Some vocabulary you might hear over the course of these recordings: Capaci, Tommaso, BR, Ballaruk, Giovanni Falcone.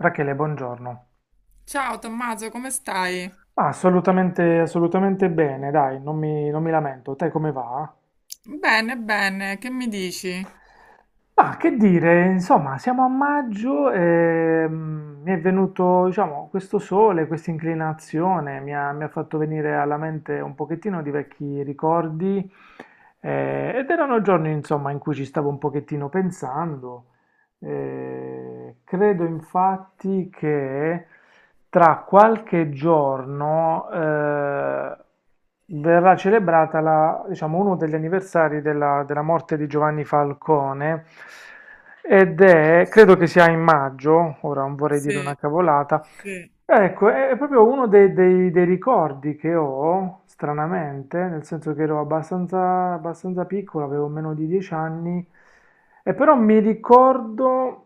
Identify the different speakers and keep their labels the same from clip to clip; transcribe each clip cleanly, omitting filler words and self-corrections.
Speaker 1: Rachele, buongiorno.
Speaker 2: Ciao Tommaso, come stai?
Speaker 1: Ah, assolutamente, assolutamente bene, dai, non mi lamento. Te come va?
Speaker 2: Bene, bene, che mi dici?
Speaker 1: Ma che dire, insomma, siamo a maggio e mi è venuto, diciamo, questo sole, questa inclinazione, mi ha fatto venire alla mente un pochettino di vecchi ricordi, ed erano giorni, insomma, in cui ci stavo un pochettino pensando. Credo infatti che tra qualche giorno verrà celebrata diciamo, uno degli anniversari della morte di Giovanni Falcone ed è, credo che
Speaker 2: Sì,
Speaker 1: sia in maggio, ora non vorrei dire una
Speaker 2: sì,
Speaker 1: cavolata.
Speaker 2: sì.
Speaker 1: Ecco, è proprio uno dei ricordi che ho, stranamente, nel senso che ero abbastanza, abbastanza piccolo, avevo meno di 10 anni, e però mi ricordo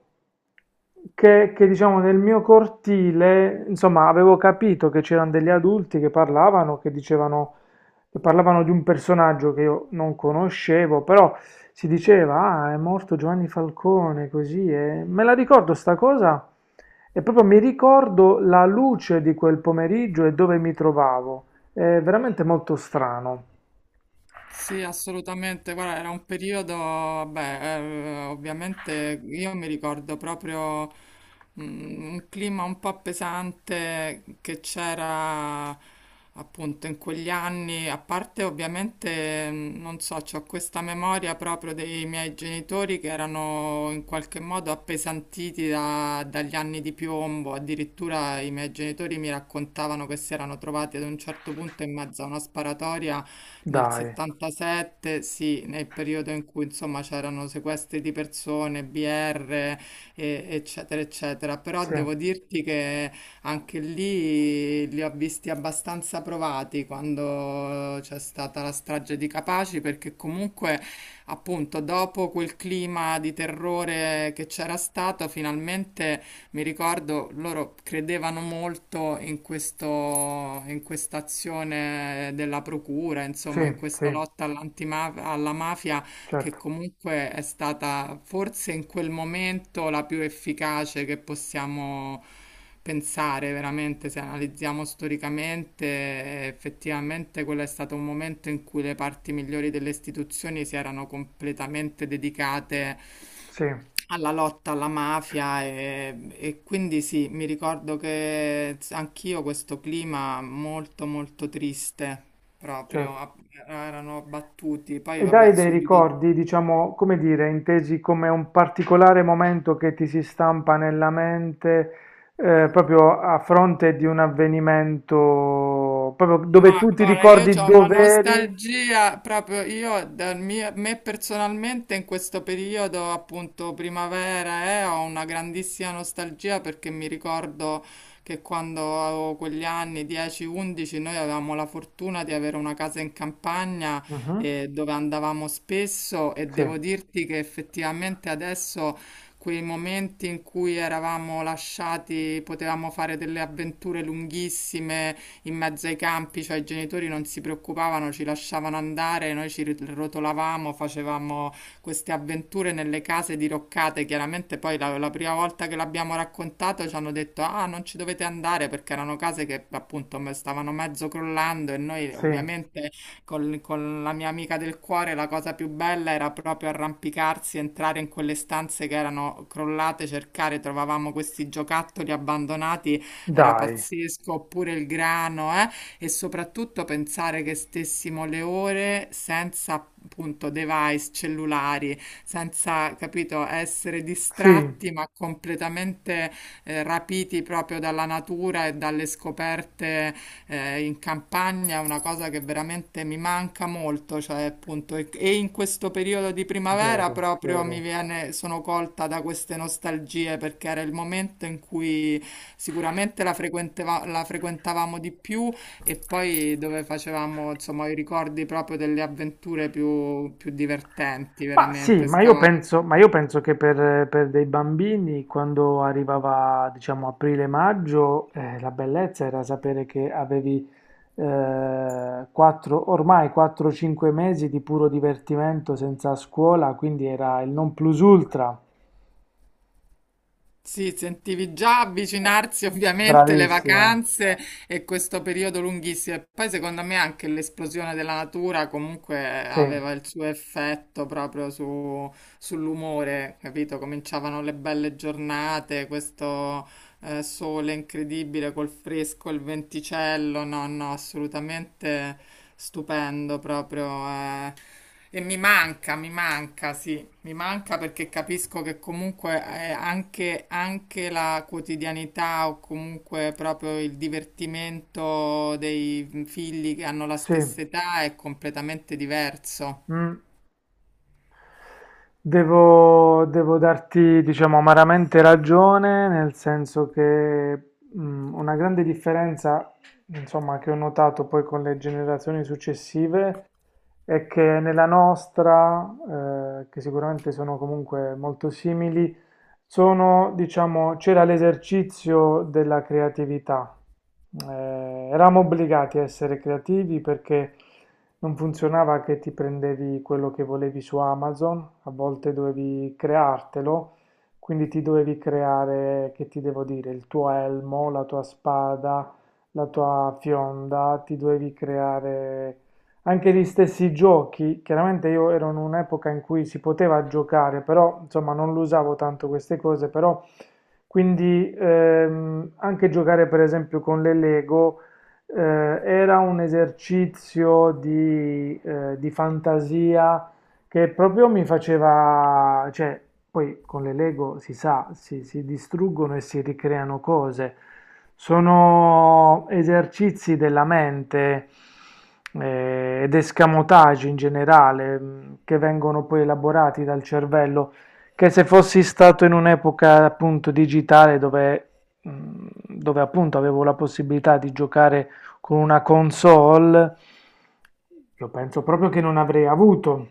Speaker 1: diciamo, nel mio cortile, insomma, avevo capito che c'erano degli adulti che parlavano, che dicevano che parlavano di un personaggio che io non conoscevo, però si diceva, ah, è morto Giovanni Falcone, così, e me la ricordo sta cosa e proprio mi ricordo la luce di quel pomeriggio e dove mi trovavo. È veramente molto strano.
Speaker 2: Sì, assolutamente. Guarda, era un periodo, vabbè, ovviamente io mi ricordo proprio un clima un po' pesante che c'era appunto in quegli anni, a parte ovviamente, non so, c'ho questa memoria proprio dei miei genitori che erano in qualche modo appesantiti dagli anni di piombo. Addirittura i miei genitori mi raccontavano che si erano trovati ad un certo punto in mezzo a una sparatoria nel
Speaker 1: Dai.
Speaker 2: 77, sì, nel periodo in cui insomma c'erano sequestri di persone, BR, eccetera, eccetera. Però
Speaker 1: Sì,
Speaker 2: devo dirti che anche lì li ho visti abbastanza provati quando c'è stata la strage di Capaci, perché comunque, appunto, dopo quel clima di terrore che c'era stato, finalmente mi ricordo loro credevano molto in questo, in questa azione della procura,
Speaker 1: sì,
Speaker 2: insomma, in
Speaker 1: sì,
Speaker 2: questa lotta alla mafia, che
Speaker 1: certo,
Speaker 2: comunque è stata forse in quel momento la più efficace che possiamo pensare veramente. Se analizziamo storicamente, effettivamente quello è stato un momento in cui le parti migliori delle istituzioni si erano completamente dedicate
Speaker 1: sì,
Speaker 2: alla lotta alla mafia e quindi sì, mi ricordo che anch'io questo clima molto molto triste proprio,
Speaker 1: certo.
Speaker 2: erano battuti, poi
Speaker 1: Ed
Speaker 2: vabbè
Speaker 1: hai dei
Speaker 2: subito.
Speaker 1: ricordi, diciamo, come dire, intesi come un particolare momento che ti si stampa nella mente, proprio a fronte di un avvenimento, proprio dove
Speaker 2: Ma
Speaker 1: tu ti
Speaker 2: guarda, io
Speaker 1: ricordi
Speaker 2: ho una
Speaker 1: dove eri?
Speaker 2: nostalgia proprio io, me personalmente in questo periodo, appunto primavera, ho una grandissima nostalgia perché mi ricordo che quando avevo quegli anni, 10-11, noi avevamo la fortuna di avere una casa in campagna,
Speaker 1: Mhm.
Speaker 2: dove andavamo spesso e
Speaker 1: Sì,
Speaker 2: devo dirti che effettivamente adesso. Quei momenti in cui eravamo lasciati, potevamo fare delle avventure lunghissime, in mezzo ai campi, cioè i genitori non si preoccupavano, ci lasciavano andare, noi rotolavamo, facevamo queste avventure nelle case diroccate. Chiaramente poi la prima volta che l'abbiamo raccontato ci hanno detto ah non ci dovete andare, perché erano case che appunto stavano mezzo crollando e noi
Speaker 1: sì,
Speaker 2: ovviamente con la mia amica del cuore la cosa più bella era proprio arrampicarsi, entrare in quelle stanze che erano crollate, cercare, trovavamo questi giocattoli abbandonati, era
Speaker 1: dai,
Speaker 2: pazzesco, oppure il grano, eh? E soprattutto pensare che stessimo le ore senza appunto device cellulari, senza, capito, essere
Speaker 1: sì,
Speaker 2: distratti ma completamente rapiti proprio dalla natura e dalle scoperte, in campagna è una cosa che veramente mi manca molto, cioè appunto e in questo periodo di primavera
Speaker 1: vero,
Speaker 2: proprio mi
Speaker 1: vero.
Speaker 2: viene, sono colta da queste nostalgie perché era il momento in cui sicuramente la la frequentavamo di più e poi dove facevamo insomma i ricordi proprio delle avventure più, più divertenti,
Speaker 1: Ma sì,
Speaker 2: veramente
Speaker 1: ma io
Speaker 2: scavare.
Speaker 1: penso, ma io penso che per dei bambini, quando arrivava, diciamo, aprile-maggio, la bellezza era sapere che avevi ormai 4-5 mesi di puro divertimento senza scuola, quindi era il non plus ultra.
Speaker 2: Sì, sentivi già avvicinarsi ovviamente le
Speaker 1: Bravissima,
Speaker 2: vacanze e questo periodo lunghissimo. E poi secondo me anche l'esplosione della natura comunque
Speaker 1: sì,
Speaker 2: aveva il suo effetto proprio sull'umore, capito? Cominciavano le belle giornate, questo sole incredibile col fresco, il venticello, no, no, assolutamente stupendo proprio. Eh. E mi manca, sì, mi manca perché capisco che comunque anche, anche la quotidianità o comunque proprio il divertimento dei figli che hanno la
Speaker 1: sì.
Speaker 2: stessa età è completamente diverso.
Speaker 1: mm. Devo, devo darti, diciamo, amaramente ragione, nel senso che mm, una grande differenza, insomma, che ho notato poi con le generazioni successive e che nella nostra, che sicuramente sono comunque molto simili, sono, diciamo, c'era l'esercizio della creatività. Eravamo obbligati a essere creativi perché non funzionava che ti prendevi quello che volevi su Amazon, a volte dovevi creartelo, quindi ti dovevi creare, che ti devo dire, il tuo elmo, la tua spada, la tua fionda, ti dovevi creare anche gli stessi giochi. Chiaramente io ero in un'epoca in cui si poteva giocare, però insomma non lo usavo tanto queste cose, però quindi anche giocare per esempio con le Lego era un esercizio di fantasia che proprio mi faceva, cioè poi con le Lego si sa, si distruggono e si ricreano cose. Sono esercizi della mente ed escamotage in generale, che vengono poi elaborati dal cervello, che se fossi stato in un'epoca appunto digitale dove, mh, dove appunto avevo la possibilità di giocare con una console, io penso proprio che non avrei avuto.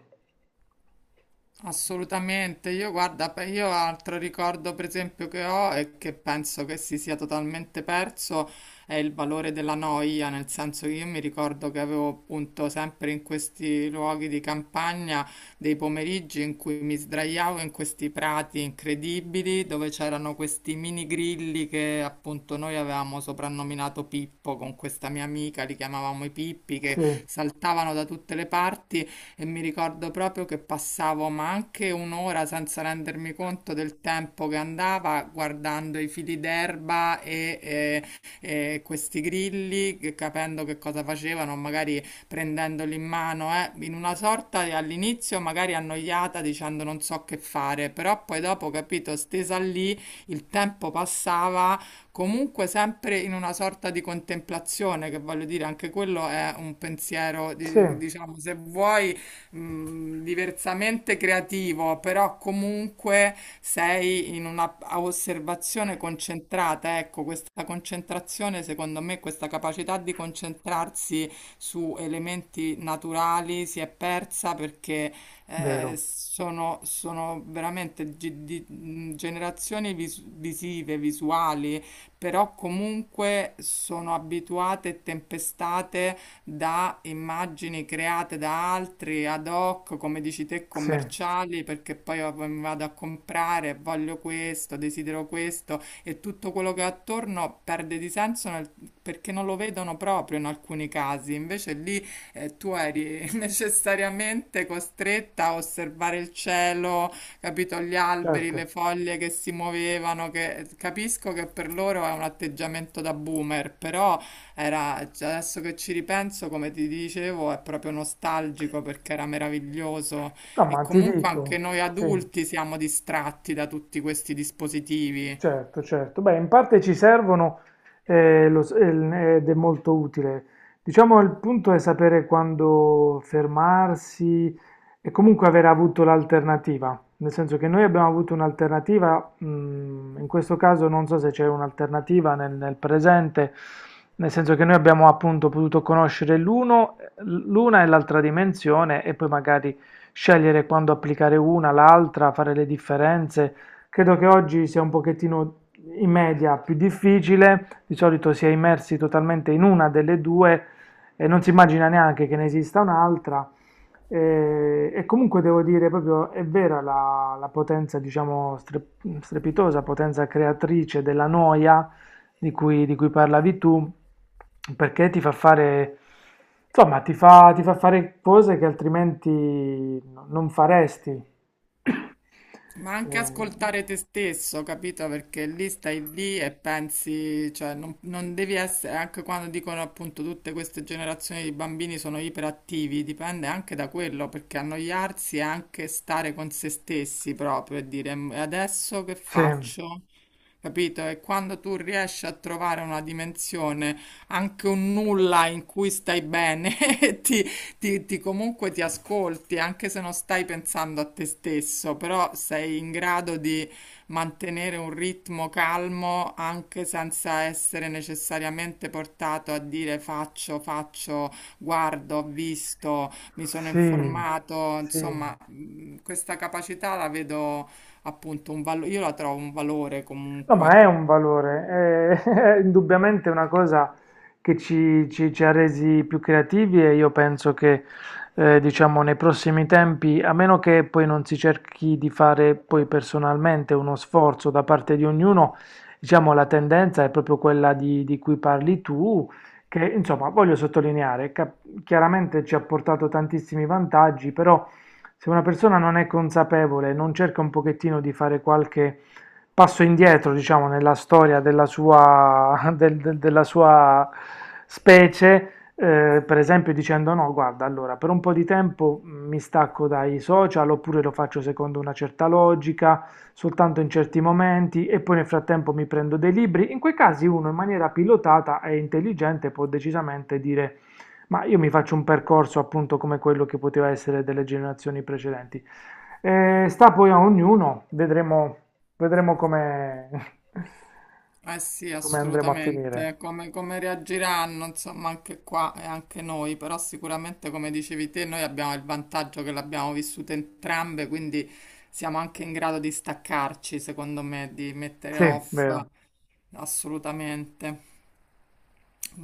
Speaker 2: Assolutamente, io guarda, io altro ricordo per esempio che ho e che penso che si sia totalmente perso è il valore della noia, nel senso che io mi ricordo che avevo appunto sempre in questi luoghi di campagna dei pomeriggi in cui mi sdraiavo in questi prati incredibili dove c'erano questi mini grilli che appunto noi avevamo soprannominato Pippo con questa mia amica, li chiamavamo i Pippi, che
Speaker 1: Sì,
Speaker 2: saltavano da tutte le parti e mi ricordo proprio che passavo ma anche un'ora senza rendermi conto del tempo che andava guardando i fili d'erba e questi grilli, capendo che cosa facevano, magari prendendoli in mano, in una all'inizio magari annoiata dicendo non so che fare, però poi dopo, capito, stesa lì, il tempo passava comunque sempre in una sorta di contemplazione, che voglio dire, anche quello è un pensiero,
Speaker 1: sì,
Speaker 2: diciamo, se vuoi diversamente creativo, però comunque sei in una a osservazione concentrata. Ecco, questa concentrazione, secondo me, questa capacità di concentrarsi su elementi naturali si è persa perché
Speaker 1: vero,
Speaker 2: sono, sono veramente generazioni visive, visuali, però comunque sono abituate e tempestate da immagini create da altri ad hoc, come dici te,
Speaker 1: sì,
Speaker 2: commerciali, perché poi mi vado a comprare, voglio questo, desidero questo e tutto quello che è attorno perde di senso perché non lo vedono proprio in alcuni casi. Invece lì tu eri necessariamente costretta a osservare il cielo, capito? Gli alberi, le
Speaker 1: certo.
Speaker 2: foglie che si muovevano, che capisco che per loro è un atteggiamento da boomer, però era, cioè, adesso che ci ripenso, come ti dicevo, è proprio nostalgico perché era meraviglioso
Speaker 1: No,
Speaker 2: e
Speaker 1: ma ti
Speaker 2: comunque anche
Speaker 1: dico,
Speaker 2: noi
Speaker 1: sì.
Speaker 2: adulti siamo distratti da tutti questi dispositivi.
Speaker 1: Certo, certo. Beh, in parte ci servono, ed è molto utile. Diciamo il punto è sapere quando fermarsi e comunque aver avuto l'alternativa. Nel senso che noi abbiamo avuto un'alternativa, mm, in questo caso non so se c'è un'alternativa nel presente, nel senso che noi abbiamo appunto potuto conoscere l'uno, l'una e l'altra dimensione e poi magari scegliere quando applicare una, l'altra, fare le differenze. Credo che oggi sia un pochettino in media più difficile, di solito si è immersi totalmente in una delle due e non si immagina neanche che ne esista un'altra. E comunque devo dire proprio è vera la potenza, diciamo, strepitosa, potenza creatrice della noia di cui parlavi tu, perché ti fa fare, insomma, ti fa fare cose che altrimenti non faresti.
Speaker 2: Ma
Speaker 1: Eh,
Speaker 2: anche ascoltare te stesso, capito? Perché lì stai lì e pensi, cioè non, non devi essere, anche quando dicono appunto tutte queste generazioni di bambini sono iperattivi, dipende anche da quello, perché annoiarsi è anche stare con se stessi proprio e dire adesso che
Speaker 1: sì,
Speaker 2: faccio? Capito? E quando tu riesci a trovare una dimensione, anche un nulla in cui stai bene, e ti, comunque ti ascolti, anche se non stai pensando a te stesso, però sei in grado di mantenere un ritmo calmo anche senza essere necessariamente portato a dire faccio, faccio, guardo, ho visto, mi sono
Speaker 1: sì,
Speaker 2: informato,
Speaker 1: sì.
Speaker 2: insomma, questa capacità la vedo appunto un valore, io la trovo un valore
Speaker 1: No, ma
Speaker 2: comunque.
Speaker 1: è un valore, è, è indubbiamente una cosa che ci ha resi più creativi e io penso che, diciamo, nei prossimi tempi, a meno che poi non si cerchi di fare poi personalmente uno sforzo da parte di ognuno, diciamo, la tendenza è proprio quella di cui parli tu, che, insomma, voglio sottolineare, chiaramente ci ha portato tantissimi vantaggi, però se una persona non è consapevole, non cerca un pochettino di fare qualche passo indietro, diciamo, nella storia della sua, della sua specie, per esempio dicendo no, guarda, allora per un po' di tempo mi stacco dai social oppure lo faccio secondo una certa logica, soltanto in certi momenti e poi nel frattempo mi prendo dei libri. In quei casi uno in maniera pilotata e intelligente può decisamente dire ma io mi faccio un percorso appunto come quello che poteva essere delle generazioni precedenti. Sta poi a ognuno, vedremo come,
Speaker 2: Eh sì,
Speaker 1: come andremo a finire.
Speaker 2: assolutamente. Come, come reagiranno, insomma, anche qua e anche noi, però sicuramente, come dicevi te, noi abbiamo il vantaggio che l'abbiamo vissuta entrambe, quindi siamo anche in grado di staccarci, secondo me, di mettere
Speaker 1: Sì,
Speaker 2: off.
Speaker 1: vero.
Speaker 2: Assolutamente.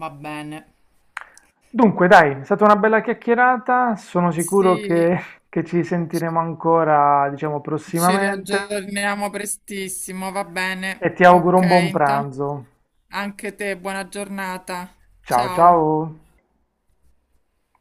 Speaker 2: Va bene.
Speaker 1: Dunque, dai, è stata una bella chiacchierata. Sono sicuro
Speaker 2: Sì,
Speaker 1: che ci sentiremo ancora, diciamo,
Speaker 2: ci
Speaker 1: prossimamente.
Speaker 2: riaggiorniamo prestissimo, va
Speaker 1: E
Speaker 2: bene.
Speaker 1: ti auguro
Speaker 2: Ok,
Speaker 1: un buon
Speaker 2: intanto
Speaker 1: pranzo.
Speaker 2: anche te, buona giornata.
Speaker 1: Ciao,
Speaker 2: Ciao.
Speaker 1: ciao.